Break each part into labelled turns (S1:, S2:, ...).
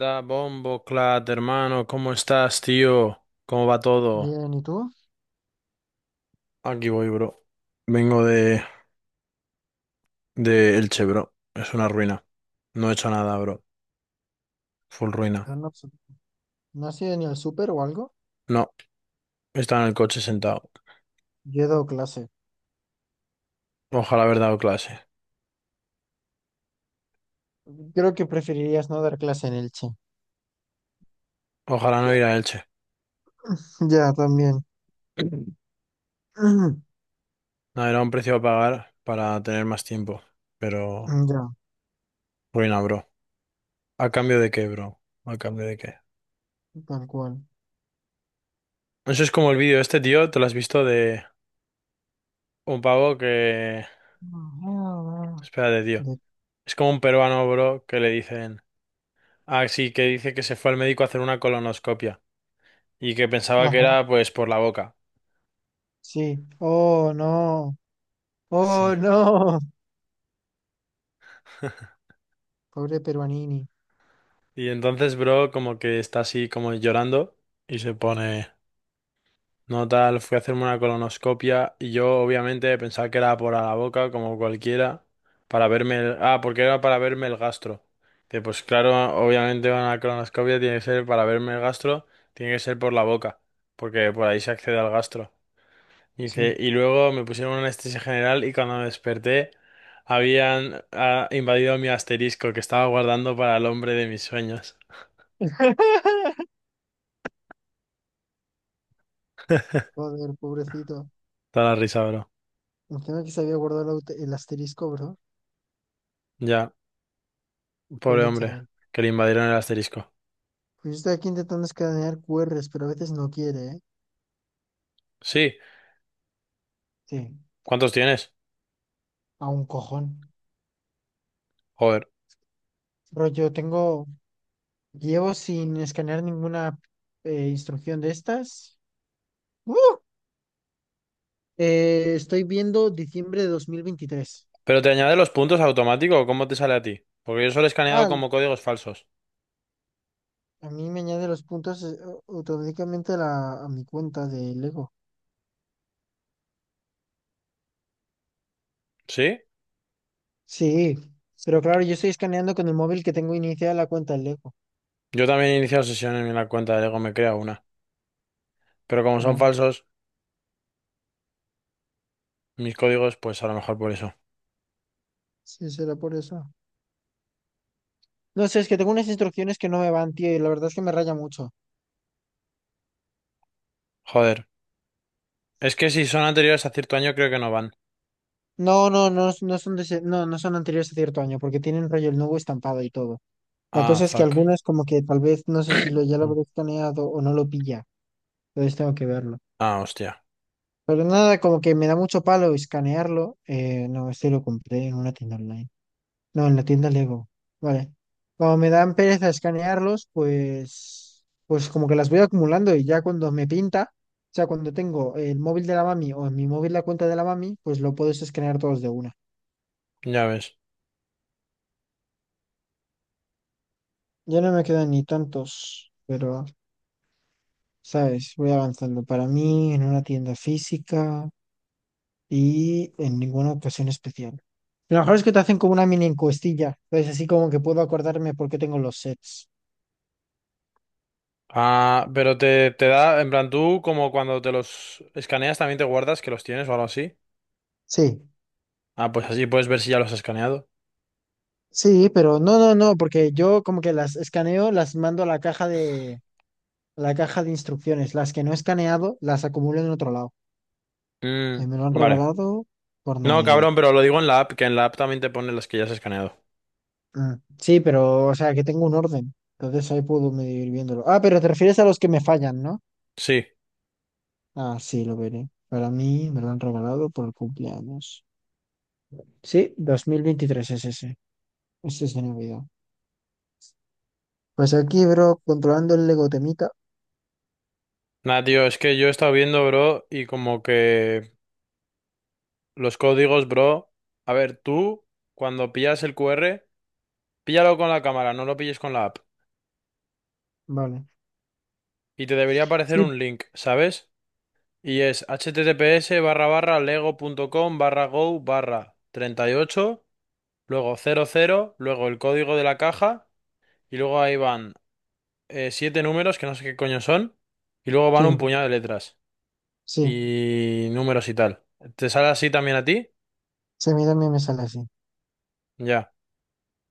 S1: Da bombo, Clat, hermano, ¿cómo estás, tío? ¿Cómo va todo?
S2: Bien, ¿y tú?
S1: Aquí voy, bro. Vengo de Elche, bro. Es una ruina. No he hecho nada, bro. Full ruina.
S2: Yo No, pues, ¿no has ido ni al súper o algo?
S1: No, está en el coche sentado.
S2: Yo he dado clase.
S1: Ojalá haber dado clase.
S2: Creo que preferirías no dar clase en Elche.
S1: Ojalá no ir a Elche.
S2: Ya, también.
S1: No, era un precio a pagar para tener más tiempo. Pero,
S2: Ya,
S1: ruina, bro. ¿A cambio de qué, bro? ¿A cambio de qué?
S2: tal cual.
S1: Eso es como el vídeo este, tío. ¿Te lo has visto de un pavo que...
S2: Ajá.
S1: Espérate, tío.
S2: De-
S1: Es como un peruano, bro, que le dicen. Ah, sí, que dice que se fue al médico a hacer una colonoscopia y que pensaba que
S2: Ajá,
S1: era pues por la boca.
S2: sí. Oh, no.
S1: Sí.
S2: Oh, no. Pobre Peruanini.
S1: Y entonces, bro, como que está así como llorando y se pone, no tal, fui a hacerme una colonoscopia y yo obviamente pensaba que era por a la boca, como cualquiera, para verme el... Ah, porque era para verme el gastro. Dice, pues claro, obviamente una colonoscopia tiene que ser para verme el gastro, tiene que ser por la boca, porque por ahí se accede al gastro. Y,
S2: Sí.
S1: y luego me pusieron una anestesia general y cuando me desperté habían invadido mi asterisco que estaba guardando para el hombre de mis sueños.
S2: Joder, pobrecito.
S1: Da la risa, bro.
S2: Encima que se había guardado el asterisco, bro.
S1: Ya, pobre
S2: Pobre
S1: hombre,
S2: chaval.
S1: que le invadieron el asterisco.
S2: Pues yo estoy aquí intentando escanear QRs, pero a veces no quiere, ¿eh?
S1: Sí,
S2: Sí.
S1: ¿cuántos tienes?
S2: A un cojón.
S1: Joder.
S2: Bro, llevo sin escanear ninguna instrucción de estas. ¡Uh! Estoy viendo diciembre de 2023.
S1: ¿Pero te añade los puntos automático o cómo te sale a ti? Porque yo solo he escaneado
S2: Ah,
S1: como códigos falsos.
S2: a mí me añade los puntos automáticamente a mi cuenta de Lego.
S1: ¿Sí?
S2: Sí, pero claro, yo estoy escaneando con el móvil que tengo iniciada la cuenta de Lego.
S1: Yo también he iniciado sesión en la cuenta de Lego, me crea una. Pero como son
S2: Ah,
S1: falsos, mis códigos, pues a lo mejor por eso.
S2: sí, será por eso. No sé, es que tengo unas instrucciones que no me van, tío, y la verdad es que me raya mucho.
S1: Joder. Es que si son anteriores a cierto año creo que no van.
S2: No, no, no, no, no son anteriores a cierto año, porque tienen rollo el nuevo estampado y todo. La
S1: Ah,
S2: cosa es que
S1: fuck.
S2: algunas, como que tal vez no sé si lo ya lo habré escaneado o no lo pilla. Entonces tengo que verlo.
S1: Ah, hostia,
S2: Pero nada, como que me da mucho palo escanearlo. No, este lo compré en una tienda online. No, en la tienda Lego. Vale. Como me dan pereza escanearlos, pues como que las voy acumulando, y ya cuando me pinta, o sea, cuando tengo el móvil de la mami o en mi móvil la cuenta de la mami, pues lo puedes escanear todos de una.
S1: ya ves.
S2: Ya no me quedan ni tantos, pero, ¿sabes? Voy avanzando. Para mí, en una tienda física. Y en ninguna ocasión especial. Lo mejor es que te hacen como una mini encuestilla, entonces así como que puedo acordarme por qué tengo los sets.
S1: Ah, pero te da, en plan, tú como cuando te los escaneas también te guardas que los tienes o algo así.
S2: Sí,
S1: Ah, pues así puedes ver si ya los has escaneado.
S2: sí, pero no, no, no, porque yo como que las escaneo, las mando a la caja de, a la caja de instrucciones. Las que no he escaneado, las acumulo en otro lado.
S1: Mm,
S2: Me lo han
S1: vale.
S2: regalado por
S1: No,
S2: Navidad.
S1: cabrón, pero lo digo en la app, que en la app también te pone las que ya has escaneado.
S2: Mm, sí, pero, o sea, que tengo un orden. Entonces ahí puedo medir viéndolo. Ah, pero te refieres a los que me fallan, ¿no?
S1: Sí.
S2: Ah, sí, lo veré. Para mí me lo han regalado por el cumpleaños. Sí, 2023 es ese. Ese se me olvidó. Pues aquí, bro, controlando el Lego temita.
S1: Nada, tío, es que yo he estado viendo, bro, y como que los códigos, bro. A ver, tú, cuando pillas el QR, píllalo con la cámara, no lo pilles con la app.
S2: Vale.
S1: Y te debería aparecer
S2: Sí,
S1: un link, ¿sabes? Y es https barra barra lego punto com barra go barra 38 luego 00 luego el código de la caja, y luego ahí van siete números que no sé qué coño son, y luego van
S2: sí,
S1: un puñado de letras
S2: sí.
S1: y números y tal. ¿Te sale así también a ti?
S2: Se me También me sale así.
S1: Ya.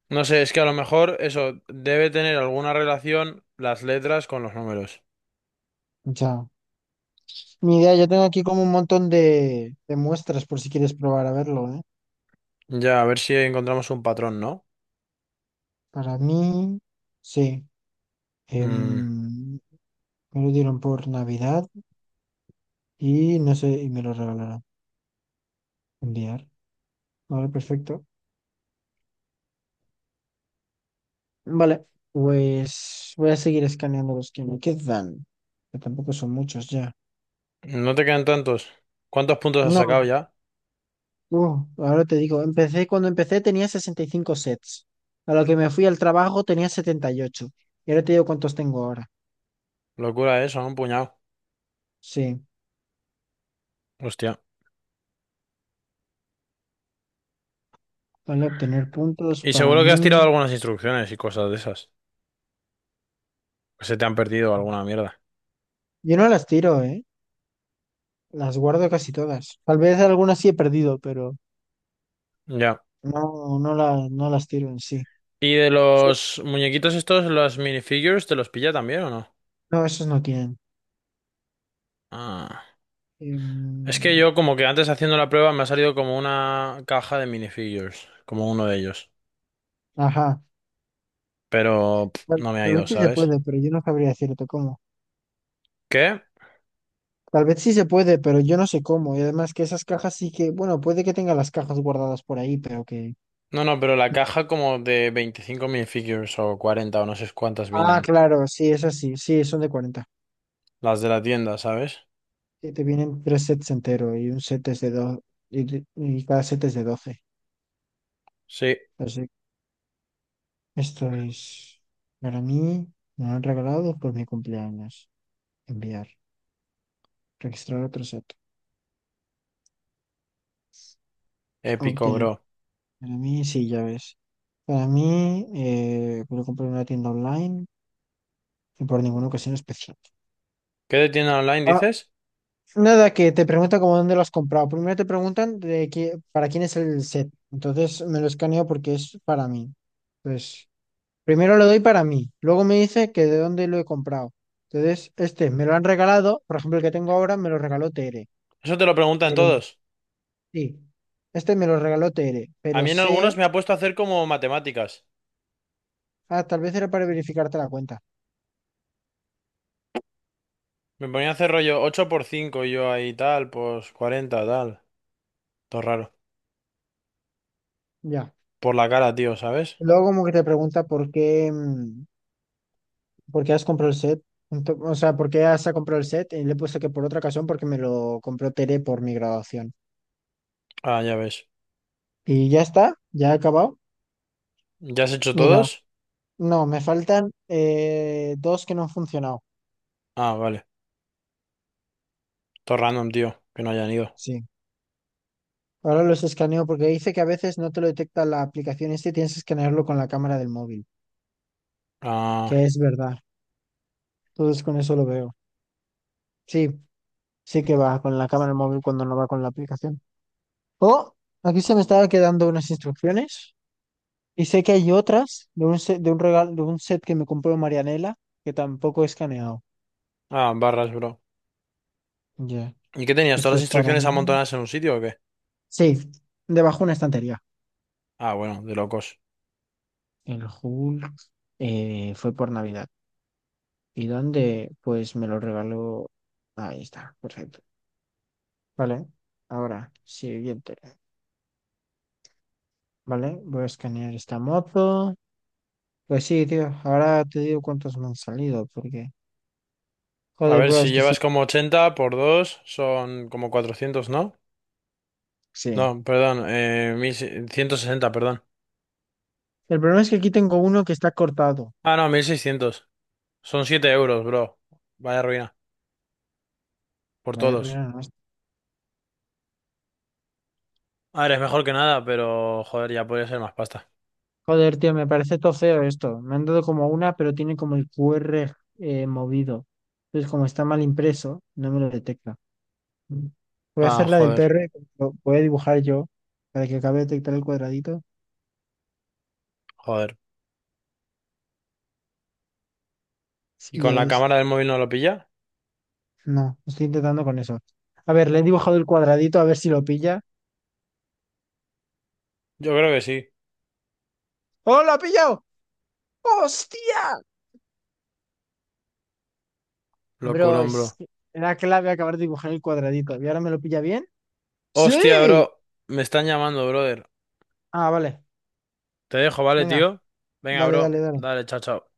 S1: No sé, es que a lo mejor eso debe tener alguna relación las letras con los números.
S2: Ya. Mi idea, yo tengo aquí como un montón de, muestras por si quieres probar a verlo, ¿eh?
S1: Ya, a ver si encontramos un patrón, ¿no?
S2: Para mí, sí.
S1: Mm,
S2: Em, Me lo dieron por Navidad y no sé, y me lo regalaron. Enviar. Vale, perfecto. Vale, pues voy a seguir escaneando los que me quedan, que tampoco son muchos ya.
S1: no te quedan tantos. ¿Cuántos puntos has
S2: No,
S1: sacado ya?
S2: Ahora te digo, cuando empecé tenía 65 sets. A lo que me fui al trabajo tenía 78. Y ocho. Y ahora te digo cuántos tengo ahora.
S1: Locura eso, un puñado.
S2: Sí,
S1: Hostia.
S2: vale obtener puntos
S1: Y
S2: para
S1: seguro que has
S2: mí.
S1: tirado algunas instrucciones y cosas de esas. Que se te han perdido alguna mierda.
S2: Yo no las tiro, ¿eh? Las guardo casi todas. Tal vez algunas sí he perdido, pero
S1: Ya.
S2: no, no, no las tiro en sí.
S1: ¿Y de
S2: Sí,
S1: los muñequitos estos, los minifigures, te los pilla también o no?
S2: no, esos no tienen.
S1: Ah. Es que
S2: Em,
S1: yo como que antes haciendo la prueba me ha salido como una caja de minifigures, como uno de ellos.
S2: ajá.
S1: Pero pff,
S2: Tal
S1: no me ha
S2: tal vez
S1: ido,
S2: sí se
S1: ¿sabes?
S2: puede, pero yo no sabría decirte cómo.
S1: ¿Qué?
S2: Tal vez sí se puede, pero yo no sé cómo. Y además que esas cajas sí que, bueno, puede que tenga las cajas guardadas por ahí, pero que...
S1: No, no, pero la caja como de 25 minifigures o 40 o no sé cuántas
S2: Ah,
S1: vienen.
S2: claro, sí, esas sí, sí, son de 40.
S1: Las de la tienda, ¿sabes?
S2: Sí, te vienen tres sets entero y un set es de dos, y, y cada set es de 12.
S1: Sí,
S2: Así que esto es para mí, me lo han regalado por mi cumpleaños. Enviar, registrar otro set,
S1: épico,
S2: obtener.
S1: bro.
S2: Para mí, sí, ya ves. Para mí, voy comprar en una tienda online y por ninguna ocasión especial.
S1: ¿Qué de tienda online dices?
S2: Nada, que te pregunta como dónde lo has comprado. Primero te preguntan de qué, para quién es el set. Entonces me lo escaneo porque es para mí. Pues primero lo doy para mí. Luego me dice que de dónde lo he comprado. Entonces, este me lo han regalado. Por ejemplo, el que tengo ahora me lo regaló Tere.
S1: Eso te lo preguntan
S2: Pero
S1: todos.
S2: sí, este me lo regaló Tere.
S1: A
S2: Pero
S1: mí en algunos
S2: sé,
S1: me ha puesto a hacer como matemáticas.
S2: ah, tal vez era para verificarte la cuenta.
S1: Me ponía a hacer rollo 8 por 5 y yo ahí tal, pues 40 tal. Todo raro.
S2: Ya.
S1: Por la cara, tío, ¿sabes?
S2: Luego como que te pregunta por qué. ¿Por qué has comprado el set? O sea, ¿por qué has comprado el set? Y le he puesto que por otra ocasión porque me lo compró Tere por mi graduación.
S1: Ah, ya ves.
S2: Y ya está, ya he acabado.
S1: ¿Ya has hecho
S2: Mira,
S1: todos?
S2: no, me faltan dos que no han funcionado.
S1: Ah, vale. Todo random, tío, que no hayan ido.
S2: Sí. Ahora los escaneo porque dice que a veces no te lo detecta la aplicación este y tienes que escanearlo con la cámara del móvil,
S1: Ah,
S2: que es verdad. Entonces con eso lo veo. Sí, sí que va con la cámara del móvil cuando no va con la aplicación. Oh, aquí se me estaba quedando unas instrucciones. Y sé que hay otras de un set, de un regalo, de un set que me compró Marianela, que tampoco he escaneado.
S1: ah, barras, bro.
S2: Ya.
S1: ¿Y qué tenías? ¿Todas
S2: Esto
S1: las
S2: es para.
S1: instrucciones amontonadas en un sitio o qué?
S2: Sí, debajo una estantería.
S1: Ah, bueno, de locos.
S2: El Hulk fue por Navidad. ¿Y dónde? Pues me lo regaló. Ahí está, perfecto. Vale, ahora, siguiente. Vale, voy a escanear esta moto. Pues sí, tío, ahora te digo cuántos me han salido, porque.
S1: A
S2: Joder,
S1: ver,
S2: bro, es
S1: si
S2: que
S1: llevas
S2: sí.
S1: como 80 por 2 son como 400, ¿no?
S2: Sí.
S1: No, perdón, 1.160, perdón.
S2: El problema es que aquí tengo uno que está cortado.
S1: Ah, no, 1.600. Son 7 euros, bro. Vaya ruina. Por
S2: Vaya
S1: todos.
S2: ruina.
S1: A ver, es mejor que nada, pero joder, ya podría ser más pasta.
S2: Joder, tío, me parece todo feo esto. Me han dado como una, pero tiene como el QR movido. Entonces, como está mal impreso, no me lo detecta. Voy a hacer
S1: Ah,
S2: la del
S1: joder,
S2: PR, lo voy a dibujar yo para que acabe de detectar el cuadradito.
S1: joder. ¿Y
S2: Sí, ya
S1: con la
S2: ves.
S1: cámara del móvil no lo pilla?
S2: No, estoy intentando con eso. A ver, le he dibujado el cuadradito, a ver si lo pilla.
S1: Yo creo que sí.
S2: ¡Oh, lo ha pillado! ¡Hostia! Bro,
S1: Locurón,
S2: es
S1: bro.
S2: que era clave acabar de dibujar el cuadradito. ¿Y ahora me lo pilla bien? ¡Sí!
S1: Hostia, bro. Me están llamando, brother.
S2: Ah, vale.
S1: Te dejo, ¿vale,
S2: Venga,
S1: tío? Venga,
S2: dale,
S1: bro.
S2: dale, dale.
S1: Dale, chao, chao.